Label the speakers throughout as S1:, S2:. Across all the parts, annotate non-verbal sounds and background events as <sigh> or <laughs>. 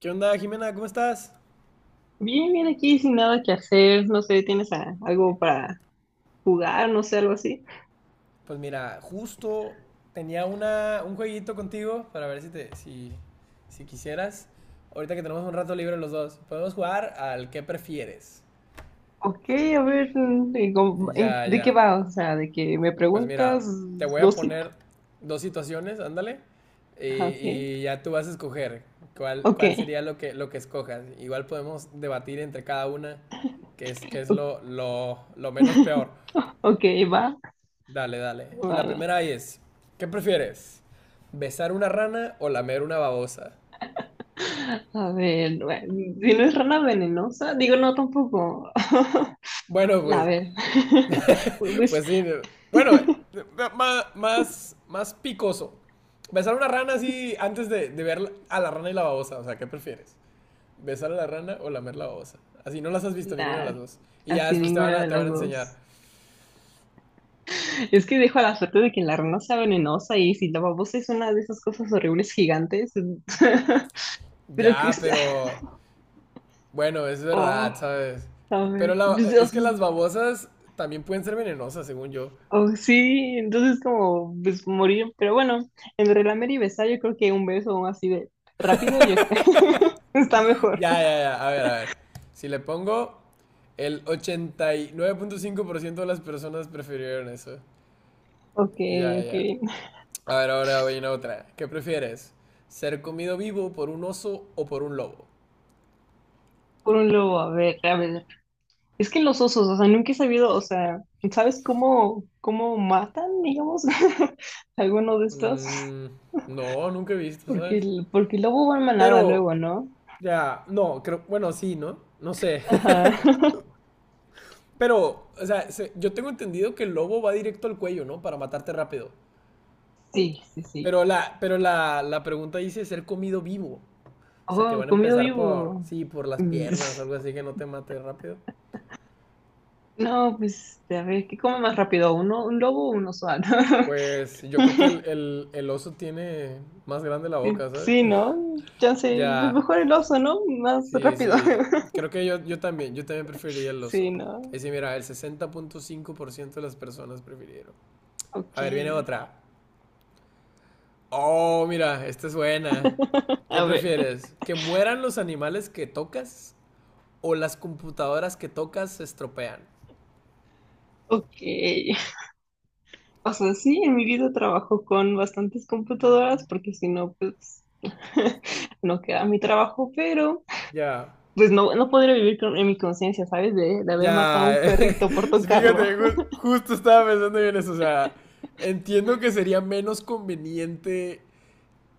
S1: ¿Qué onda, Jimena? ¿Cómo estás?
S2: Bien, bien aquí sin nada que hacer, no sé, ¿tienes algo para jugar, no sé, algo así?
S1: Pues mira, justo tenía un jueguito contigo para ver si te, si, si quisieras. Ahorita que tenemos un rato libre los dos, podemos jugar al que prefieres.
S2: Ok, a ver,
S1: Ya,
S2: ¿de qué
S1: ya.
S2: va? O sea, de que me
S1: Pues
S2: preguntas
S1: mira, te voy a
S2: dos... sí.
S1: poner dos situaciones, ándale. Y,
S2: Ajá, ok,
S1: y ya tú vas a escoger cuál sería lo que escojas. Igual podemos debatir entre cada una qué es
S2: ok,
S1: lo menos peor.
S2: <laughs> ok, va,
S1: Dale, dale. Y la
S2: bueno.
S1: primera ahí es, ¿qué prefieres? ¿Besar una rana o lamer una babosa?
S2: A ver, bueno, si no es rana venenosa, digo no tampoco. <laughs>
S1: Bueno,
S2: A
S1: pues,
S2: ver, <laughs> pues
S1: pues sí. No. Bueno, más picoso. Besar una rana así antes de ver a la rana y la babosa. O sea, ¿qué prefieres? ¿Besar a la rana o lamer la babosa? Así no las has visto ninguna de las
S2: nada,
S1: dos. Y ya
S2: así
S1: después te van
S2: ninguna
S1: a,
S2: de
S1: te van
S2: las
S1: a enseñar.
S2: dos. Es que dejo a la suerte de que la rana sea venenosa y si la babosa es una de esas cosas horribles gigantes. <laughs> Pero que
S1: Ya,
S2: es-
S1: pero
S2: <laughs>
S1: bueno, es
S2: Oh,
S1: verdad, ¿sabes?
S2: a ver,
S1: Pero
S2: pues, o
S1: es
S2: sea,
S1: que las babosas también pueden ser venenosas, según yo.
S2: oh, sí, entonces como pues morir. Pero bueno, entre lamer y besar, yo creo que un beso así de rápido, yo creo. <laughs> Está mejor.
S1: Ya, ya, ya. A ver, a ver. Si le pongo el 89.5% de las personas prefirieron eso.
S2: Ok,
S1: Ya,
S2: ok.
S1: ya. A ver, ahora voy a otra. ¿Qué prefieres? ¿Ser comido vivo por un oso o por un lobo?
S2: Por un lobo, a ver, a ver. Es que los osos, o sea, nunca he sabido, o sea, ¿sabes cómo, cómo matan, digamos, <laughs> alguno de estos?
S1: Mm, no, nunca he visto,
S2: Porque
S1: ¿sabes?
S2: el, porque el lobo va en manada
S1: Pero,
S2: luego, ¿no?
S1: ya, no, creo, bueno, sí, ¿no? No sé. <laughs>
S2: Ajá. <laughs>
S1: Pero, o sea, yo tengo entendido que el lobo va directo al cuello, ¿no? Para matarte rápido.
S2: Sí, sí, sí.
S1: La pregunta dice ser comido vivo. O sea, que
S2: Oh,
S1: van a
S2: comido
S1: empezar
S2: vivo.
S1: sí, por las
S2: Mm,
S1: piernas, algo así
S2: <laughs>
S1: que no te mate rápido.
S2: no, pues, a ver, ¿qué come más rápido? ¿Uno, un lobo o un oso? Ah, <laughs> no.
S1: Pues yo creo que el oso tiene más grande la
S2: Sí,
S1: boca, ¿sabes?
S2: sí, ¿no?
S1: <laughs>
S2: Ya sé, pues
S1: Ya,
S2: mejor el oso, ¿no? Más
S1: sí,
S2: rápido.
S1: sí.
S2: <laughs>
S1: Creo que yo también preferiría el
S2: Sí,
S1: oso.
S2: ¿no?
S1: Es decir, mira, el 60.5% de las personas prefirieron. A
S2: Ok.
S1: ver, viene otra. Oh, mira, esta es buena. ¿Qué
S2: A ver,
S1: prefieres? ¿Que mueran los animales que tocas o las computadoras que tocas se estropean?
S2: ok. O sea, sí, en mi vida trabajo con bastantes computadoras porque si no, pues, <laughs> no queda mi trabajo, pero...
S1: Ya.
S2: pues no, no podría vivir en mi conciencia, ¿sabes? De haber matado a un
S1: Ya, <laughs>
S2: perrito por tocarlo.
S1: fíjate, justo estaba pensando yo en eso, o sea, entiendo que sería menos conveniente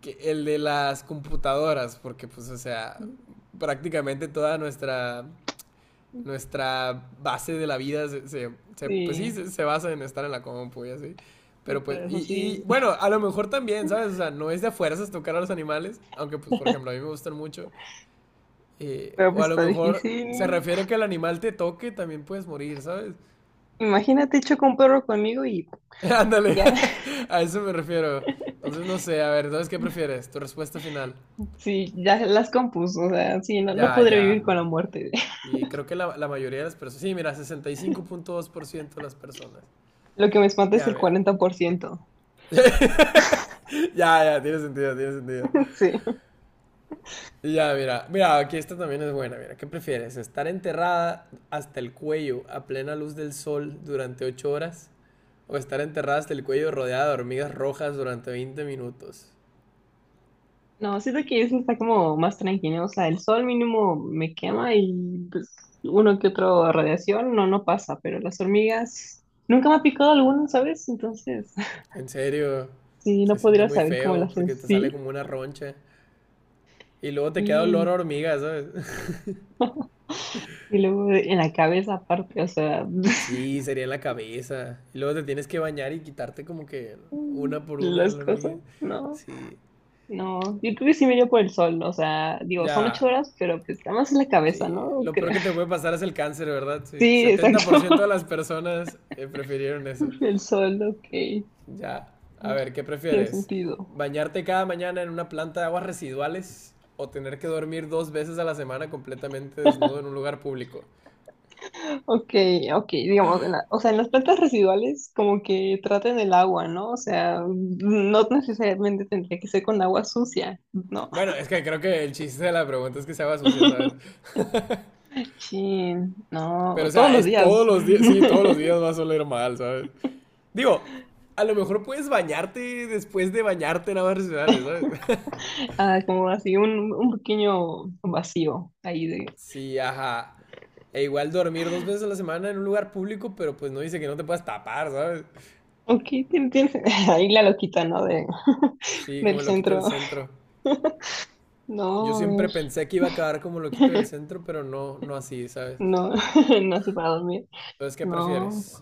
S1: que el de las computadoras, porque pues, o sea,
S2: <laughs>
S1: prácticamente toda nuestra base de la vida pues sí,
S2: Sí,
S1: se basa en estar en la compu y así,
S2: y
S1: pero pues,
S2: todo
S1: y,
S2: eso
S1: y
S2: sí.
S1: bueno, a lo mejor también, ¿sabes? O sea, no es de a fuerzas tocar a los animales, aunque pues, por ejemplo, a mí me gustan mucho,
S2: Pero
S1: o a
S2: pues
S1: lo
S2: está
S1: mejor se
S2: difícil.
S1: refiere que el animal te toque, también puedes morir, ¿sabes?
S2: Imagínate, choca un perro conmigo y
S1: <laughs> Ándale,
S2: ya. <laughs>
S1: <laughs> a eso me refiero. Entonces, no sé, a ver, entonces, ¿qué prefieres? Tu respuesta final.
S2: Sí, ya las compuso. O sea, sí, no, no
S1: Ya,
S2: podría vivir
S1: ya.
S2: con la muerte. <laughs>
S1: Y creo que la mayoría de las personas. Sí, mira, 65.2% de las personas.
S2: Lo que me espanta es
S1: Ya,
S2: el
S1: mira.
S2: cuarenta
S1: <laughs>
S2: por ciento
S1: Ya, ya, tiene sentido, tiene sentido.
S2: <laughs> Sí.
S1: Y ya, mira. Mira, aquí esta también es buena. Mira, ¿qué prefieres? ¿Estar enterrada hasta el cuello a plena luz del sol durante 8 horas? ¿O estar enterrada hasta el cuello rodeada de hormigas rojas durante 20 minutos?
S2: No, siento que eso está como más tranquilo. O sea, el sol mínimo me quema y pues uno que otro radiación no, no pasa, pero las hormigas nunca me ha picado alguna, ¿sabes? Entonces,
S1: En serio,
S2: sí, no
S1: se siente
S2: podría
S1: muy
S2: saber cómo lo
S1: feo
S2: hacen,
S1: porque te sale
S2: sí.
S1: como una roncha. Y luego te queda olor
S2: Y,
S1: a hormiga, ¿sabes? <laughs>
S2: y en la cabeza aparte, o sea, <laughs>
S1: Sí, sería en la cabeza. Y luego te tienes que bañar y quitarte como que una por una
S2: las
S1: la
S2: cosas,
S1: hormiga.
S2: no,
S1: Sí.
S2: no. Yo creo que sí me iría por el sol, o sea, digo, son ocho
S1: Ya.
S2: horas, pero pues nada más en la cabeza,
S1: Sí.
S2: ¿no? <laughs>
S1: Lo peor
S2: Creo.
S1: que te puede pasar es el cáncer, ¿verdad? Sí.
S2: Sí,
S1: setenta
S2: exacto.
S1: por ciento de las personas prefirieron eso.
S2: <laughs> El sol, ok,
S1: Ya. A ver, ¿qué
S2: tiene
S1: prefieres?
S2: sentido.
S1: ¿Bañarte cada mañana en una planta de aguas residuales o tener que dormir dos veces a la semana completamente desnudo en un lugar público?
S2: Ok, ok, digamos, o sea, en las plantas residuales como que traten el agua, ¿no? O sea, no necesariamente tendría que ser con agua sucia, ¿no?
S1: Bueno, es que creo que el chiste de la pregunta es que se haga sucia, ¿sabes?
S2: Sí,
S1: Pero, o
S2: no, todos
S1: sea,
S2: los
S1: es todos
S2: días.
S1: los días, sí, todos los
S2: <laughs>
S1: días vas a oler mal, ¿sabes? Digo, a lo mejor puedes bañarte después de bañarte en aguas residuales, ¿sabes?
S2: Ah, como así un pequeño vacío ahí de,
S1: <laughs> Sí, ajá. E igual dormir dos veces a la semana en un lugar público, pero pues no dice que no te puedas tapar, ¿sabes?
S2: ok, tien- tien- <laughs> ahí la loquita, ¿no? De,
S1: Sí,
S2: del
S1: como el loquito del
S2: centro.
S1: centro.
S2: No,
S1: Yo siempre
S2: es,
S1: pensé que iba a acabar como el loquito del centro, pero no, no así, ¿sabes?
S2: no, <laughs> no sé para dormir.
S1: Entonces, ¿qué
S2: No.
S1: prefieres?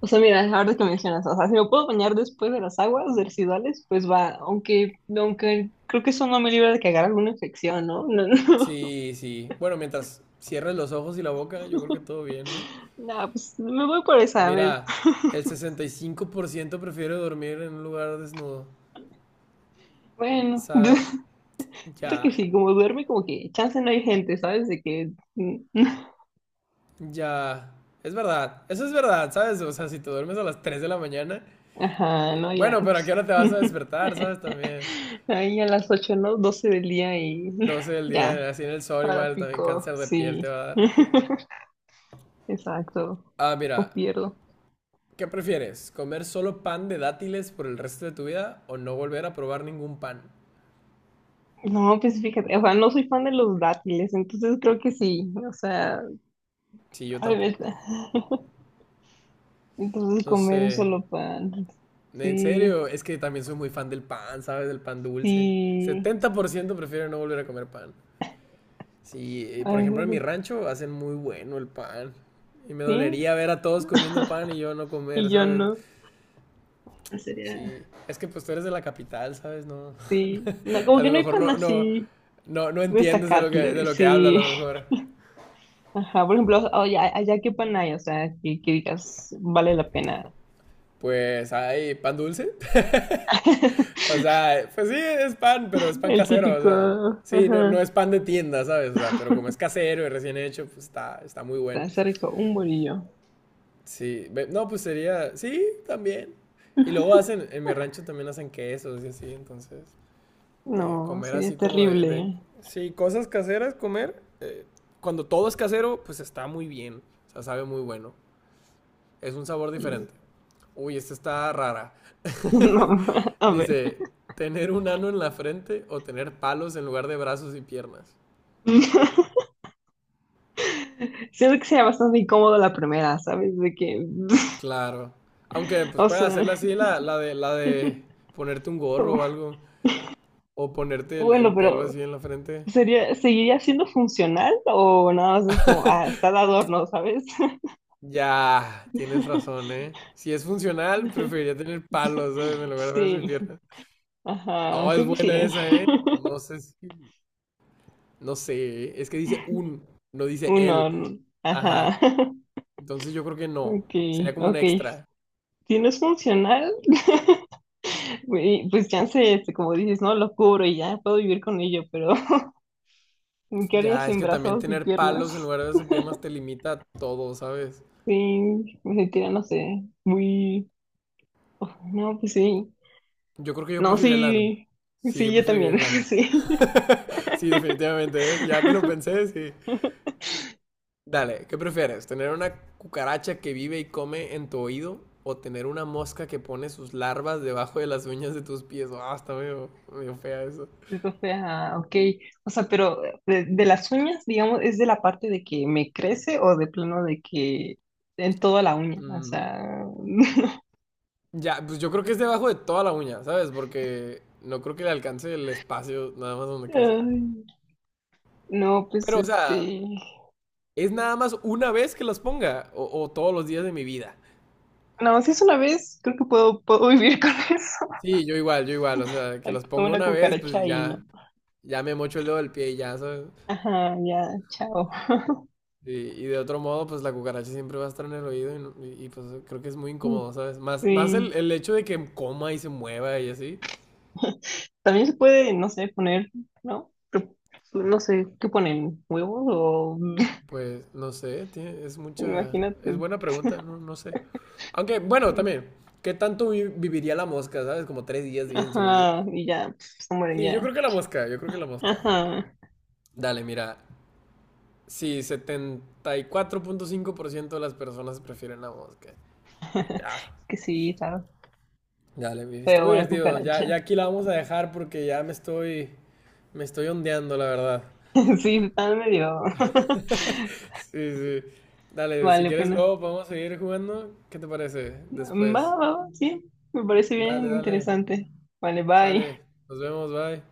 S2: O sea, mira, ahora que mencionas, o sea, si me puedo bañar después de las aguas residuales, pues va, aunque, aunque creo que eso no me libra de que agarre alguna infección, ¿no? <laughs>
S1: Sí, sí. Bueno, mientras cierres los ojos y la boca, yo creo que todo bien, ¿no?
S2: No, no, pues me voy por esa, a ver.
S1: Mira, el 65% prefiere dormir en un lugar desnudo. O
S2: Bueno.
S1: sea,
S2: <laughs> Siento que
S1: ya,
S2: sí, como duerme, como que chance no hay gente, ¿sabes? De que. <laughs>
S1: ya. Es verdad, eso es verdad, ¿sabes? O sea, si te duermes a las 3 de la mañana,
S2: Ajá, no, ya.
S1: bueno, pero ¿a qué hora te vas a despertar? ¿Sabes?
S2: <laughs>
S1: También,
S2: Ahí a las ocho, ¿no? Doce del día y
S1: Doce
S2: <laughs>
S1: del
S2: ya,
S1: día, así en el sol
S2: para
S1: igual, también
S2: pico,
S1: cáncer de piel
S2: sí.
S1: te va a dar.
S2: <laughs> Exacto,
S1: Ah,
S2: o
S1: mira,
S2: pierdo.
S1: ¿qué prefieres? ¿Comer solo pan de dátiles por el resto de tu vida o no volver a probar ningún pan?
S2: No, pues fíjate, o sea, no soy fan de los dátiles, entonces creo que sí, o sea,
S1: Sí, yo
S2: a ver,
S1: tampoco.
S2: <laughs> entonces
S1: No
S2: comer
S1: sé.
S2: un solo pan,
S1: En serio,
S2: sí,
S1: es que también soy muy fan del pan, ¿sabes? Del pan dulce.
S2: sí,
S1: 70% prefiero no volver a comer pan. Sí,
S2: a
S1: por ejemplo, en mi
S2: veces
S1: rancho hacen muy bueno el pan. Y me
S2: sí,
S1: dolería ver a todos comiendo pan y yo no comer,
S2: y yo
S1: ¿sabes?
S2: no. Sería...
S1: Sí, es que pues tú eres de la capital, ¿sabes? No,
S2: sí, no,
S1: <laughs> a
S2: como que
S1: lo
S2: no hay
S1: mejor
S2: pan
S1: no, no,
S2: así
S1: no, no entiendes de lo que, de
S2: destacable,
S1: lo que hablo a
S2: sí.
S1: lo
S2: <laughs>
S1: mejor.
S2: Ajá, por ejemplo, oye, allá qué pan hay, o sea, que digas, vale la pena.
S1: Pues hay pan dulce. O
S2: <laughs>
S1: sea, pues sí, es pan, pero es pan
S2: El
S1: casero, o
S2: típico,
S1: sea, sí, no, no
S2: ajá,
S1: es pan de tienda, ¿sabes? O sea, pero como es casero y recién hecho, pues está muy bueno.
S2: está rico, un bolillo.
S1: Sí, no, pues sería, sí, también. Y luego hacen, en mi rancho también hacen quesos y así, entonces,
S2: No,
S1: comer así
S2: sería
S1: como
S2: terrible.
S1: sí, cosas caseras, comer, cuando todo es casero, pues está muy bien, o sea, sabe muy bueno, es un sabor
S2: Y...
S1: diferente. Uy, esta está rara.
S2: <laughs>
S1: <laughs>
S2: no, a ver.
S1: Dice, ¿tener un ano en la frente o tener palos en lugar de brazos y piernas?
S2: <laughs> Siento que sería bastante incómodo la primera, ¿sabes? De que, <laughs>
S1: Claro. Aunque pues
S2: o
S1: pueden
S2: sea,
S1: hacerla así, la de
S2: <laughs>
S1: ponerte un gorro o algo. O ponerte el
S2: bueno,
S1: pelo
S2: pero
S1: así en la frente.
S2: ¿sería, seguiría siendo funcional o nada más es como, ah, está de adorno, ¿sabes?
S1: Ya, tienes razón,
S2: <laughs>
S1: ¿eh? Si es funcional, preferiría tener palos, ¿sabes? En lugar de brazos y
S2: Sí,
S1: piernas.
S2: ajá,
S1: Oh, es
S2: creo que sí,
S1: buena
S2: ¿eh?
S1: esa, ¿eh? No
S2: <laughs>
S1: sé si... No sé, ¿eh? Es que dice un, no dice
S2: Un
S1: él.
S2: horno, ajá.
S1: Ajá.
S2: <laughs>
S1: Entonces yo creo que no.
S2: Ok,
S1: Sería como un
S2: ok.
S1: extra.
S2: Si no es funcional, <laughs> güey, pues chance, este, como dices, no lo cubro y ya puedo vivir con ello, pero <laughs> ¿qué haría
S1: Ya, es
S2: sin
S1: que también
S2: brazos y
S1: tener palos en
S2: piernas?
S1: lugar de hacer piernas te limita a todo, ¿sabes?
S2: Sí, me sentiría, no sé, muy... oh, no, pues sí.
S1: Yo creo que yo
S2: No,
S1: preferiría el ano.
S2: sí,
S1: Sí, yo
S2: sí, yo
S1: preferiría
S2: también,
S1: el
S2: <laughs>
S1: ano.
S2: sí.
S1: <laughs> Sí, definitivamente, ¿eh? Ya que lo
S2: <laughs>
S1: pensé, sí. Dale, ¿qué prefieres? ¿Tener una cucaracha que vive y come en tu oído? ¿O tener una mosca que pone sus larvas debajo de las uñas de tus pies? Ah, está medio, medio fea eso.
S2: Eso ah ok. O sea, pero de las uñas, digamos, ¿es de la parte de que me crece o de plano de que en toda la uña? O
S1: Mm,
S2: sea,
S1: ya, pues yo creo que es debajo de toda la uña, ¿sabes? Porque no creo que le alcance el espacio nada más donde
S2: <laughs>
S1: crece.
S2: ay, no, pues
S1: Pero, o sea,
S2: este,
S1: es nada más una vez que los ponga o todos los días de mi vida.
S2: no, si es una vez, creo que puedo, puedo vivir con <laughs> eso.
S1: Sí, yo igual, o sea, que los
S2: Con
S1: ponga
S2: una
S1: una vez,
S2: cucaracha
S1: pues
S2: ahí,
S1: ya,
S2: ¿no?
S1: ya me mocho el dedo del pie y ya, ¿sabes?
S2: Ajá, ya, chao.
S1: Y de otro modo, pues la cucaracha siempre va a estar en el oído pues creo que es muy
S2: Mm,
S1: incómodo, ¿sabes? Más el,
S2: sí.
S1: el hecho de que coma y se mueva y así,
S2: <laughs> También se puede, no sé, poner, ¿no? Pero, no sé, ¿qué ponen? ¿Huevos o...? <laughs>
S1: pues no sé, es mucha,
S2: Imagínate.
S1: es buena pregunta, no sé. Aunque, bueno, también,
S2: <laughs>
S1: ¿qué tanto viviría la mosca? ¿Sabes? Como 3 días, viven, según yo.
S2: Ajá, y ya, pues, se mueren
S1: Sí, yo
S2: ya.
S1: creo que la mosca, yo creo que la mosca.
S2: Ajá.
S1: Dale, mira. Sí, 74.5% de las personas prefieren la mosca.
S2: <laughs>
S1: Ya,
S2: Es que sí, está
S1: ya, le estuvo
S2: feo una
S1: divertido. Ya, ya
S2: cucaracha.
S1: aquí la vamos a dejar porque ya me estoy ondeando, la verdad.
S2: <laughs> Sí, está medio. <laughs>
S1: Sí, sí. Dale, si
S2: Vale,
S1: quieres
S2: pena.
S1: luego podemos seguir jugando. ¿Qué te parece
S2: Va, va,
S1: después?
S2: va, sí, me parece bien
S1: Dale, dale.
S2: interesante. Vale, bye.
S1: Sale. Nos vemos, bye.